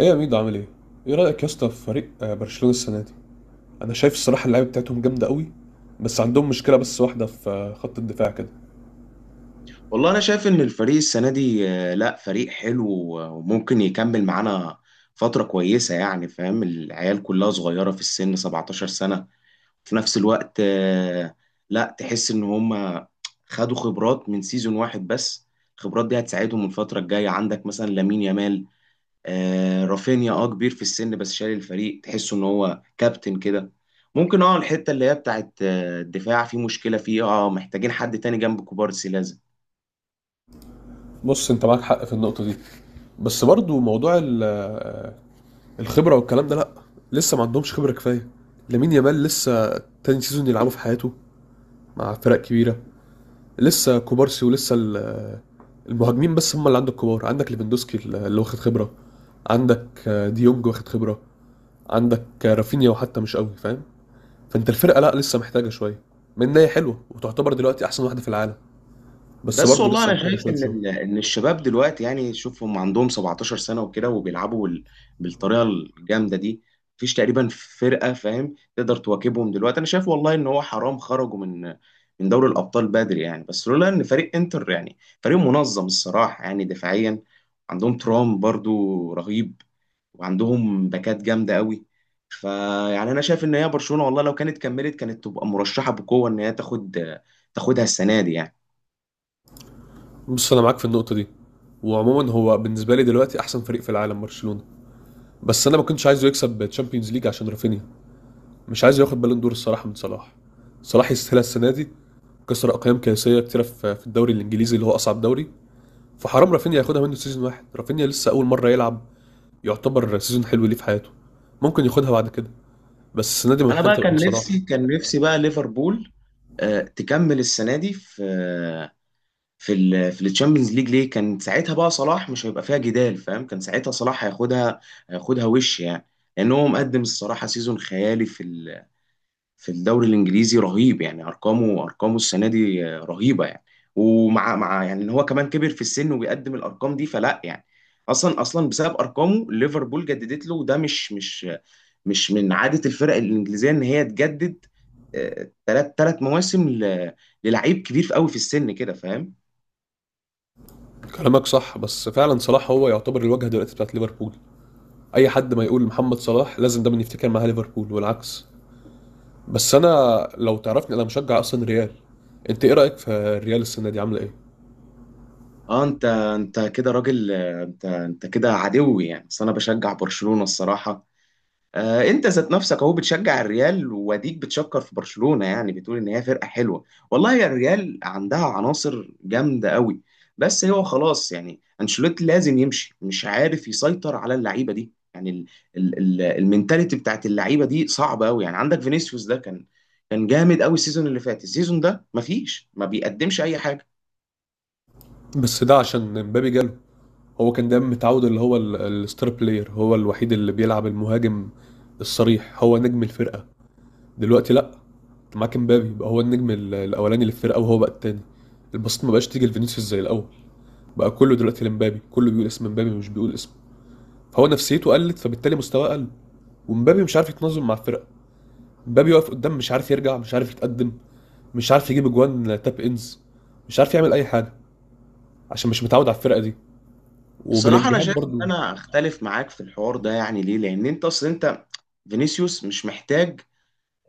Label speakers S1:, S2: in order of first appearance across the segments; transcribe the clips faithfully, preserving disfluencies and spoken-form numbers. S1: ايه يا ميدو عامل ايه؟ ايه رأيك يا اسطى في فريق آه، برشلونة السنة دي؟ انا شايف الصراحة اللعيبة بتاعتهم جامدة قوي، بس عندهم مشكلة بس واحدة في آه، خط الدفاع كده.
S2: والله انا شايف ان الفريق السنه دي آه، لا فريق حلو، وممكن يكمل معانا فتره كويسه. يعني فاهم، العيال كلها صغيره في السن، سبعتاشر سنه. في نفس الوقت آه، لا تحس ان هم خدوا خبرات من سيزون واحد، بس الخبرات دي هتساعدهم الفتره الجايه. عندك مثلا لامين يامال، آه، رافينيا اه كبير في السن بس شايل الفريق، تحسه ان هو كابتن كده. ممكن اه الحته اللي هي بتاعت آه، الدفاع في مشكله فيه، اه محتاجين حد تاني جنب كوبارسي.
S1: بص انت معاك حق في النقطة دي، بس برضو موضوع ال- آه، الخبرة والكلام ده، لا، لسه ما عندهمش خبرة كفاية. لامين يامال لسه تاني سيزون يلعبه في حياته مع فرق كبيرة. لسه كوبارسي، ولسه ال- آه، المهاجمين بس هم اللي عندك كبار. عندك ليفاندوسكي اللي واخد خبرة، عندك آه، ديونج واخد خبرة، عندك آه، رافينيا، وحتى مش قوي، فاهم؟ فانت الفرقه لا، لسه محتاجه شويه، من إن هي حلوه وتعتبر دلوقتي احسن واحده في العالم، بس
S2: بس
S1: برضه
S2: والله
S1: لسه
S2: انا
S1: محتاجه
S2: شايف
S1: شويه
S2: ان
S1: شغل.
S2: ال- ان الشباب دلوقتي، يعني شوف هم عندهم سبعتاشر سنه وكده، وبيلعبوا بال- بالطريقه الجامده دي. مفيش تقريبا فرقه، فاهم، تقدر تواكبهم دلوقتي. انا شايف والله ان هو حرام خرجوا من من دوري الابطال بدري يعني، بس لولا ان فريق انتر، يعني فريق منظم الصراحه، يعني دفاعيا عندهم ترام برضو رهيب، وعندهم باكات جامده قوي. فيعني انا شايف ان هي برشلونه، والله لو كانت كملت كانت تبقى مرشحه بقوه ان هي تاخد تاخدها السنه دي يعني.
S1: بص انا معاك في النقطه دي، وعموما هو بالنسبه لي دلوقتي احسن فريق في العالم برشلونه، بس انا ما كنتش عايزه يكسب تشامبيونز ليج عشان رافينيا، مش عايزه ياخد بالون دور الصراحه من صلاح. صلاح يستاهلها السنه دي، كسر اقيام قياسيه كتيره في في الدوري الانجليزي اللي هو اصعب دوري. فحرام رافينيا ياخدها منه سيزون واحد، رافينيا لسه اول مره يلعب، يعتبر سيزون حلو ليه في حياته. ممكن ياخدها بعد كده، بس السنه دي
S2: انا
S1: محتاج
S2: بقى
S1: تبقى من
S2: كان
S1: صلاح.
S2: نفسي كان نفسي بقى ليفربول آه، تكمل السنه دي في آه، في ال في الشامبيونز ليج، ليه كان ساعتها بقى صلاح مش هيبقى فيها جدال، فاهم؟ كان ساعتها صلاح هياخدها هياخدها وش يعني، لان هو مقدم الصراحه سيزون خيالي في ال- في الدوري الانجليزي رهيب يعني. ارقامه ارقامه السنه دي آه، رهيبه يعني. ومع مع يعني، ان هو كمان كبر في السن وبيقدم الارقام دي. فلا يعني اصلا اصلا بسبب ارقامه ليفربول جددت له، وده مش مش مش من عادة الفرق الإنجليزية إن هي تجدد ثلاث ثلاث مواسم ل- للعيب كبير قوي في السن كده، فاهم؟
S1: كلامك صح، بس فعلا صلاح هو يعتبر الواجهه دلوقتي بتاعت ليفربول. اي حد ما يقول محمد صلاح لازم دايما يفتكر معاه ليفربول والعكس. بس انا، لو تعرفني انا مشجع اصلا ريال. انت ايه رايك في الريال السنه دي عامله ايه؟
S2: اه انت انت كده راجل، آه، انت انت كده عدوي يعني، بس انا بشجع برشلونة الصراحة. آه، انت ذات نفسك اهو بتشجع الريال واديك بتشكر في برشلونة، يعني بتقول ان هي فرقة حلوه. والله يا، الريال عندها عناصر جامدة قوي، بس هو خلاص يعني انشيلوتي لازم يمشي، مش عارف يسيطر على اللعيبة دي. يعني ال ال ال المينتاليتي بتاعت اللعيبة دي صعبة قوي. يعني عندك فينيسيوس ده كان كان جامد قوي السيزون اللي فات، السيزون ده مفيش، ما بيقدمش اي حاجة.
S1: بس ده عشان مبابي جاله. هو كان دايما متعود اللي هو ال- الستار بلاير هو الوحيد اللي بيلعب المهاجم الصريح، هو نجم الفرقه. دلوقتي لا، معاك مبابي بقى هو النجم ال- الاولاني للفرقه، وهو بقى التاني. البسط ما بقاش تيجي لفينيسيوس زي الاول، بقى كله دلوقتي لمبابي، كله بيقول اسم مبابي، مش بيقول اسم. هو نفسيته قلت، فبالتالي مستواه قل. ومبابي مش عارف يتنظم مع الفرقه. مبابي واقف قدام، مش عارف يرجع، مش عارف يتقدم، مش عارف يجيب اجوان تاب انز، مش عارف يعمل اي حاجه، عشان مش متعود على الفرقه دي.
S2: بصراحة انا
S1: وبلينجهام
S2: شايف ان
S1: برضو.
S2: انا اختلف معاك في الحوار ده، يعني ليه؟ لان انت اصل انت، فينيسيوس مش محتاج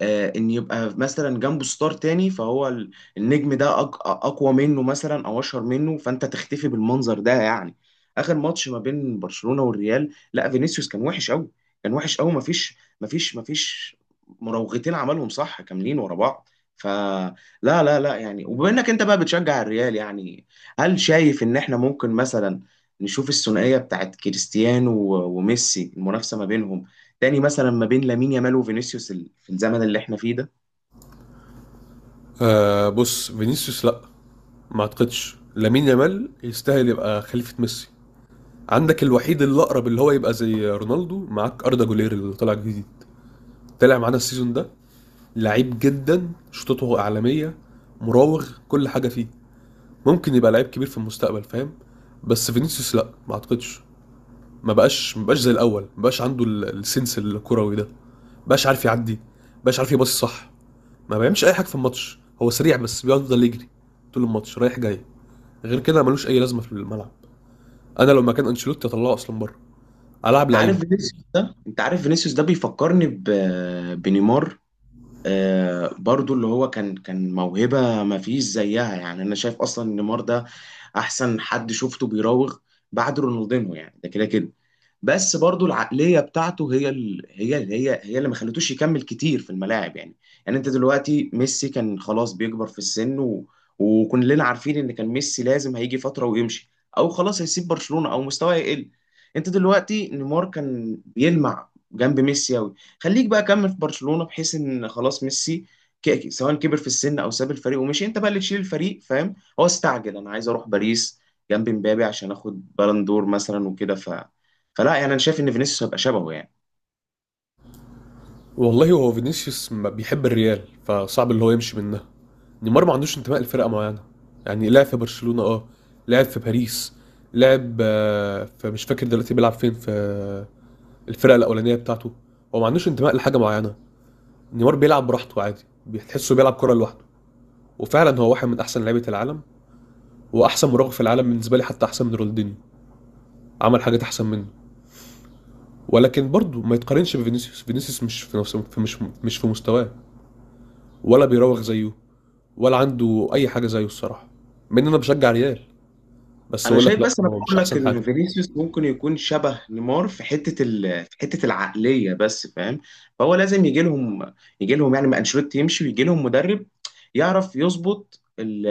S2: آه، ان يبقى مثلا جنبه ستار تاني، فهو ال- النجم ده أق- اقوى منه مثلا او اشهر منه، فانت تختفي بالمنظر ده يعني. اخر ماتش ما بين برشلونة والريال لا، فينيسيوس كان وحش قوي، كان وحش قوي. مفيش مفيش مفيش مراوغتين عملهم صح كاملين ورا بعض. فلا، لا لا لا، يعني، وبما انك انت بقى بتشجع الريال، يعني هل شايف ان احنا ممكن مثلا نشوف الثنائية بتاعت كريستيانو و- وميسي، المنافسة ما بينهم تاني مثلا ما بين لامين يامال وفينيسيوس في الزمن اللي احنا فيه ده؟
S1: آه بص فينيسيوس لا، ما اعتقدش لامين يامال يستاهل يبقى خليفه ميسي. عندك الوحيد اللي اقرب اللي هو يبقى زي رونالدو معاك اردا جولير، اللي طالع جديد، طلع معانا السيزون ده. لعيب جدا، شطته عالميه، مراوغ، كل حاجه فيه. ممكن يبقى لعيب كبير في المستقبل، فاهم؟ بس فينيسيوس لا، ما اعتقدش. ما بقاش ما بقاش زي الاول، ما بقاش عنده ال- السنس الكروي ده، ما بقاش عارف يعدي، ما بقاش عارف يباصي صح، ما بيعملش اي حاجه في الماتش. هو سريع بس بيفضل يجري طول الماتش رايح جاي، غير كده ملوش اي لازمه في الملعب. انا لو مكان انشيلوتي اطلعه اصلا بره، العب
S2: انت عارف
S1: لعيبه.
S2: فينيسيوس ده، انت عارف فينيسيوس ده بيفكرني ب... بنيمار. آه برضو اللي هو كان كان موهبة ما فيش زيها، يعني انا شايف اصلا إن نيمار ده احسن حد شفته بيراوغ بعد رونالدينو يعني، ده كده كده. بس برضو العقليه بتاعته هي ال... هي ال... هي هي اللي ما خلتوش يكمل كتير في الملاعب يعني. يعني انت دلوقتي ميسي كان خلاص بيكبر في السن و... وكلنا عارفين ان كان ميسي لازم هيجي فتره ويمشي، او خلاص هيسيب برشلونه او مستواه يقل. انت دلوقتي نيمار كان بيلمع جنب ميسي قوي، خليك بقى كمل في برشلونه بحيث ان خلاص ميسي، ك- سواء كبر في السن او ساب الفريق ومشي، انت بقى اللي تشيل الفريق، فاهم؟ هو استعجل، انا عايز اروح باريس جنب مبابي عشان اخد بالون دور مثلا وكده. فلا يعني انا شايف ان فينيسيوس هيبقى شبهه يعني.
S1: والله هو فينيسيوس ما بيحب الريال، فصعب اللي هو يمشي منها. نيمار ما عندوش انتماء لفرقة معينة، يعني لعب في برشلونة، اه لعب في باريس، لعب آه، في، مش فاكر دلوقتي بيلعب فين، في آه، الفرقة الأولانية بتاعته. هو ما عندوش انتماء لحاجة معينة. نيمار بيلعب براحته عادي، بتحسه بيلعب كرة لوحده. وفعلا هو واحد من أحسن لعيبة العالم وأحسن مراوغ في العالم بالنسبة لي، حتى أحسن من رونالدينيو، عمل حاجات أحسن منه. ولكن برضه ما يتقارنش بفينيسيوس. فينيسيوس مش في نفسه في- مش مش في مستواه، ولا بيراوغ زيه، ولا عنده اي حاجه زيه الصراحه. مع ان انا بشجع ريال، بس
S2: انا
S1: اقول لك
S2: شايف،
S1: لا،
S2: بس انا
S1: هو مش
S2: بقول لك
S1: احسن
S2: ان
S1: حاجه.
S2: فينيسيوس ممكن يكون شبه نيمار في حته ال... في حته العقليه بس، فاهم؟ فهو لازم يجي لهم يجي لهم يعني، ما انشيلوتي يمشي ويجي لهم مدرب يعرف يظبط ال...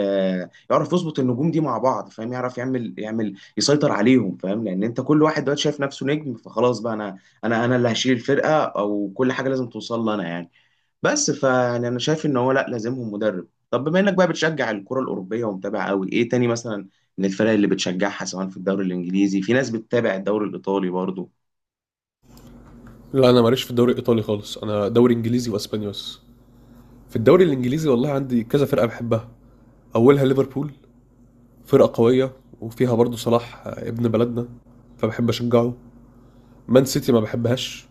S2: يعرف يظبط النجوم دي مع بعض، فاهم؟ يعرف يعمل يعمل يسيطر عليهم، فاهم؟ لان انت كل واحد دلوقتي شايف نفسه نجم، فخلاص بقى انا انا انا اللي هشيل الفرقه، او كل حاجه لازم توصل لي انا يعني. بس فيعني انا شايف ان هو لا، لازمهم مدرب. طب بما انك بقى بتشجع الكرة الأوروبية ومتابع قوي، ايه تاني مثلا من الفرق اللي بتشجعها؟ سواء في الدوري الإنجليزي، في ناس بتتابع الدوري الإيطالي برضو.
S1: لا انا ماليش في الدوري الايطالي خالص، انا دوري انجليزي واسباني بس. في الدوري الانجليزي والله عندي كذا فرقه بحبها. اولها ليفربول، فرقه قويه، وفيها برضو صلاح ابن بلدنا، فبحب اشجعه. مان سيتي ما بحبهاش،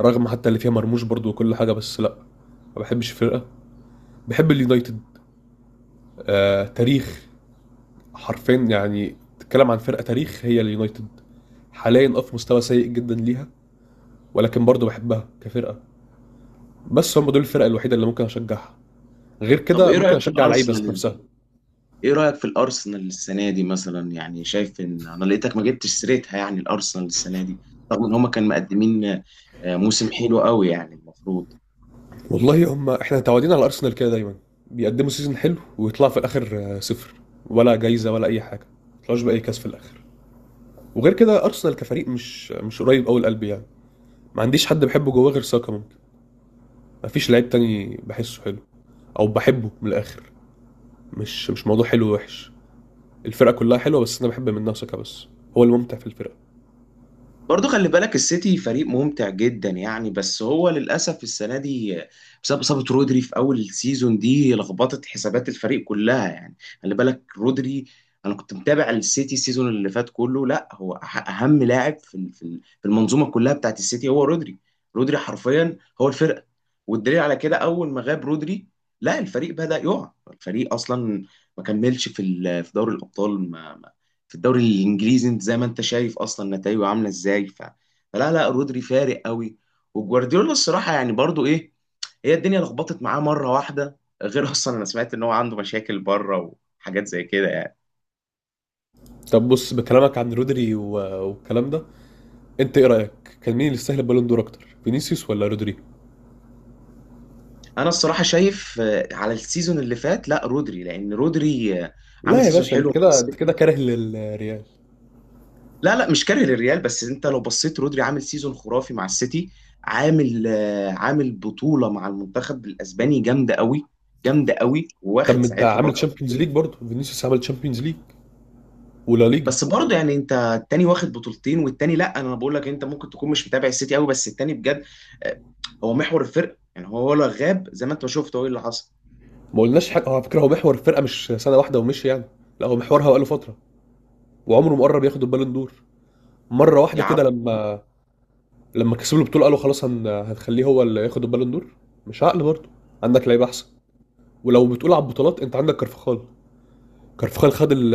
S1: رغم حتى اللي فيها مرموش برضو وكل حاجه، بس لا، ما بحبش الفرقه. بحب اليونايتد، آه تاريخ، حرفيا يعني تتكلم عن فرقه تاريخ هي اليونايتد. حاليا اه في مستوى سيء جدا ليها، ولكن برضه بحبها كفرقه. بس هم دول الفرق الوحيده اللي ممكن اشجعها، غير
S2: طب
S1: كده
S2: ايه
S1: ممكن
S2: رأيك في
S1: اشجع لعيبه ذات
S2: الأرسنال؟
S1: نفسها.
S2: ايه رأيك في الأرسنال السنة دي مثلا؟ يعني شايف ان انا لقيتك ما جبتش سيرتها يعني الأرسنال السنة دي، رغم ان هما كانوا مقدمين آه، موسم حلو قوي يعني المفروض.
S1: والله هم احنا متعودين على ارسنال كده دايما، بيقدموا سيزون حلو ويطلعوا في الاخر آه، صفر، ولا جايزه ولا اي حاجه، ما يطلعوش باي كاس في الاخر. وغير كده ارسنال كفريق مش مش قريب قوي لقلبي يعني. ما عنديش حد بحبه جواه غير ساكا ممكن، ما فيش لعيب تاني بحسه حلو او بحبه من الاخر. مش مش موضوع حلو ووحش، الفرقه كلها حلوه، بس انا بحب منها ساكا بس، هو الممتع في الفرقه.
S2: برضو خلي بالك السيتي فريق ممتع جدا يعني، بس هو للأسف السنة دي بسبب إصابة رودري في أول السيزون دي لخبطت حسابات الفريق كلها يعني. خلي بالك رودري، أنا كنت متابع السيتي السيزون اللي فات كله، لا هو أح- أهم لاعب في ال- في ال- في المنظومة كلها بتاعت السيتي هو رودري. رودري حرفيا هو الفرقة. والدليل على كده أول ما غاب رودري لا، الفريق بدأ يقع، الفريق أصلا ما كملش في ال- في دوري الأبطال، ما في الدوري الانجليزي انت زي ما انت شايف اصلا نتائجه عامله ازاي. ف... فلا لا، رودري فارق قوي. وجوارديولا الصراحه يعني برضو ايه، هي الدنيا لخبطت معاه مره واحده، غير اصلا انا سمعت ان هو عنده مشاكل بره وحاجات زي كده يعني.
S1: طب بص، بكلامك عن رودري و- والكلام ده، انت ايه رايك، كان مين اللي يستاهل البالون دور اكتر، فينيسيوس ولا رودريجو؟
S2: انا الصراحه شايف آه، على السيزون اللي فات لا رودري، لان رودري آه، عمل
S1: لا يا
S2: سيزون
S1: باشا، انت
S2: حلو مع
S1: كده انت كده
S2: السيتي.
S1: كاره للريال.
S2: لا لا، مش كاره للريال، بس انت لو بصيت رودري عامل سيزون خرافي مع السيتي، عامل آه، عامل بطولة مع المنتخب الاسباني جامدة قوي، جامدة قوي
S1: طب
S2: واخد
S1: ما انت
S2: ساعتها
S1: عامل
S2: برضه.
S1: تشامبيونز ليج برضه، فينيسيوس عمل تشامبيونز ليج ولا ليجا؟
S2: بس برضه يعني انت التاني واخد بطولتين والتاني لا، انا بقول لك انت ممكن تكون مش متابع السيتي قوي، بس التاني بجد آه، هو محور الفرق يعني، هو ولا غاب زي ما انت شفت هو ايه اللي حصل.
S1: ما قلناش حاجه، هو على فكره هو محور الفرقه، مش سنه واحده ومشي يعني. لا، هو محورها بقاله فتره، وعمره ما قرب ياخد البالون دور. مره واحده
S2: يا
S1: كده لما، لما كسبوا البطوله قالوا خلاص، هن... هنخليه هو اللي ياخد البالون دور. مش عقل برضه، عندك لعيبه احسن. ولو بتقول على البطولات، انت عندك كارفخال. كارفخال خد ال...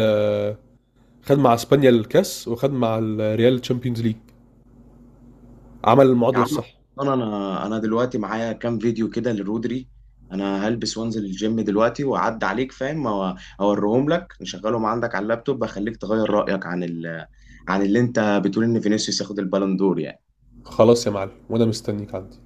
S1: خد مع اسبانيا الكاس، وخد مع الريال تشامبيونز ليج. عمل
S2: يا
S1: المعادله
S2: عم،
S1: الصح.
S2: انا انا انا دلوقتي معايا كام فيديو كده لرودري. انا هلبس وانزل الجيم دلوقتي واعدي عليك، فاهم؟ أو- اوريهم لك نشغلهم عندك على اللابتوب، اخليك تغير رايك عن ال... عن اللي انت بتقول ان فينيسيوس ياخد البالون دور يعني.
S1: خلاص يا معلم، وانا مستنيك عندي.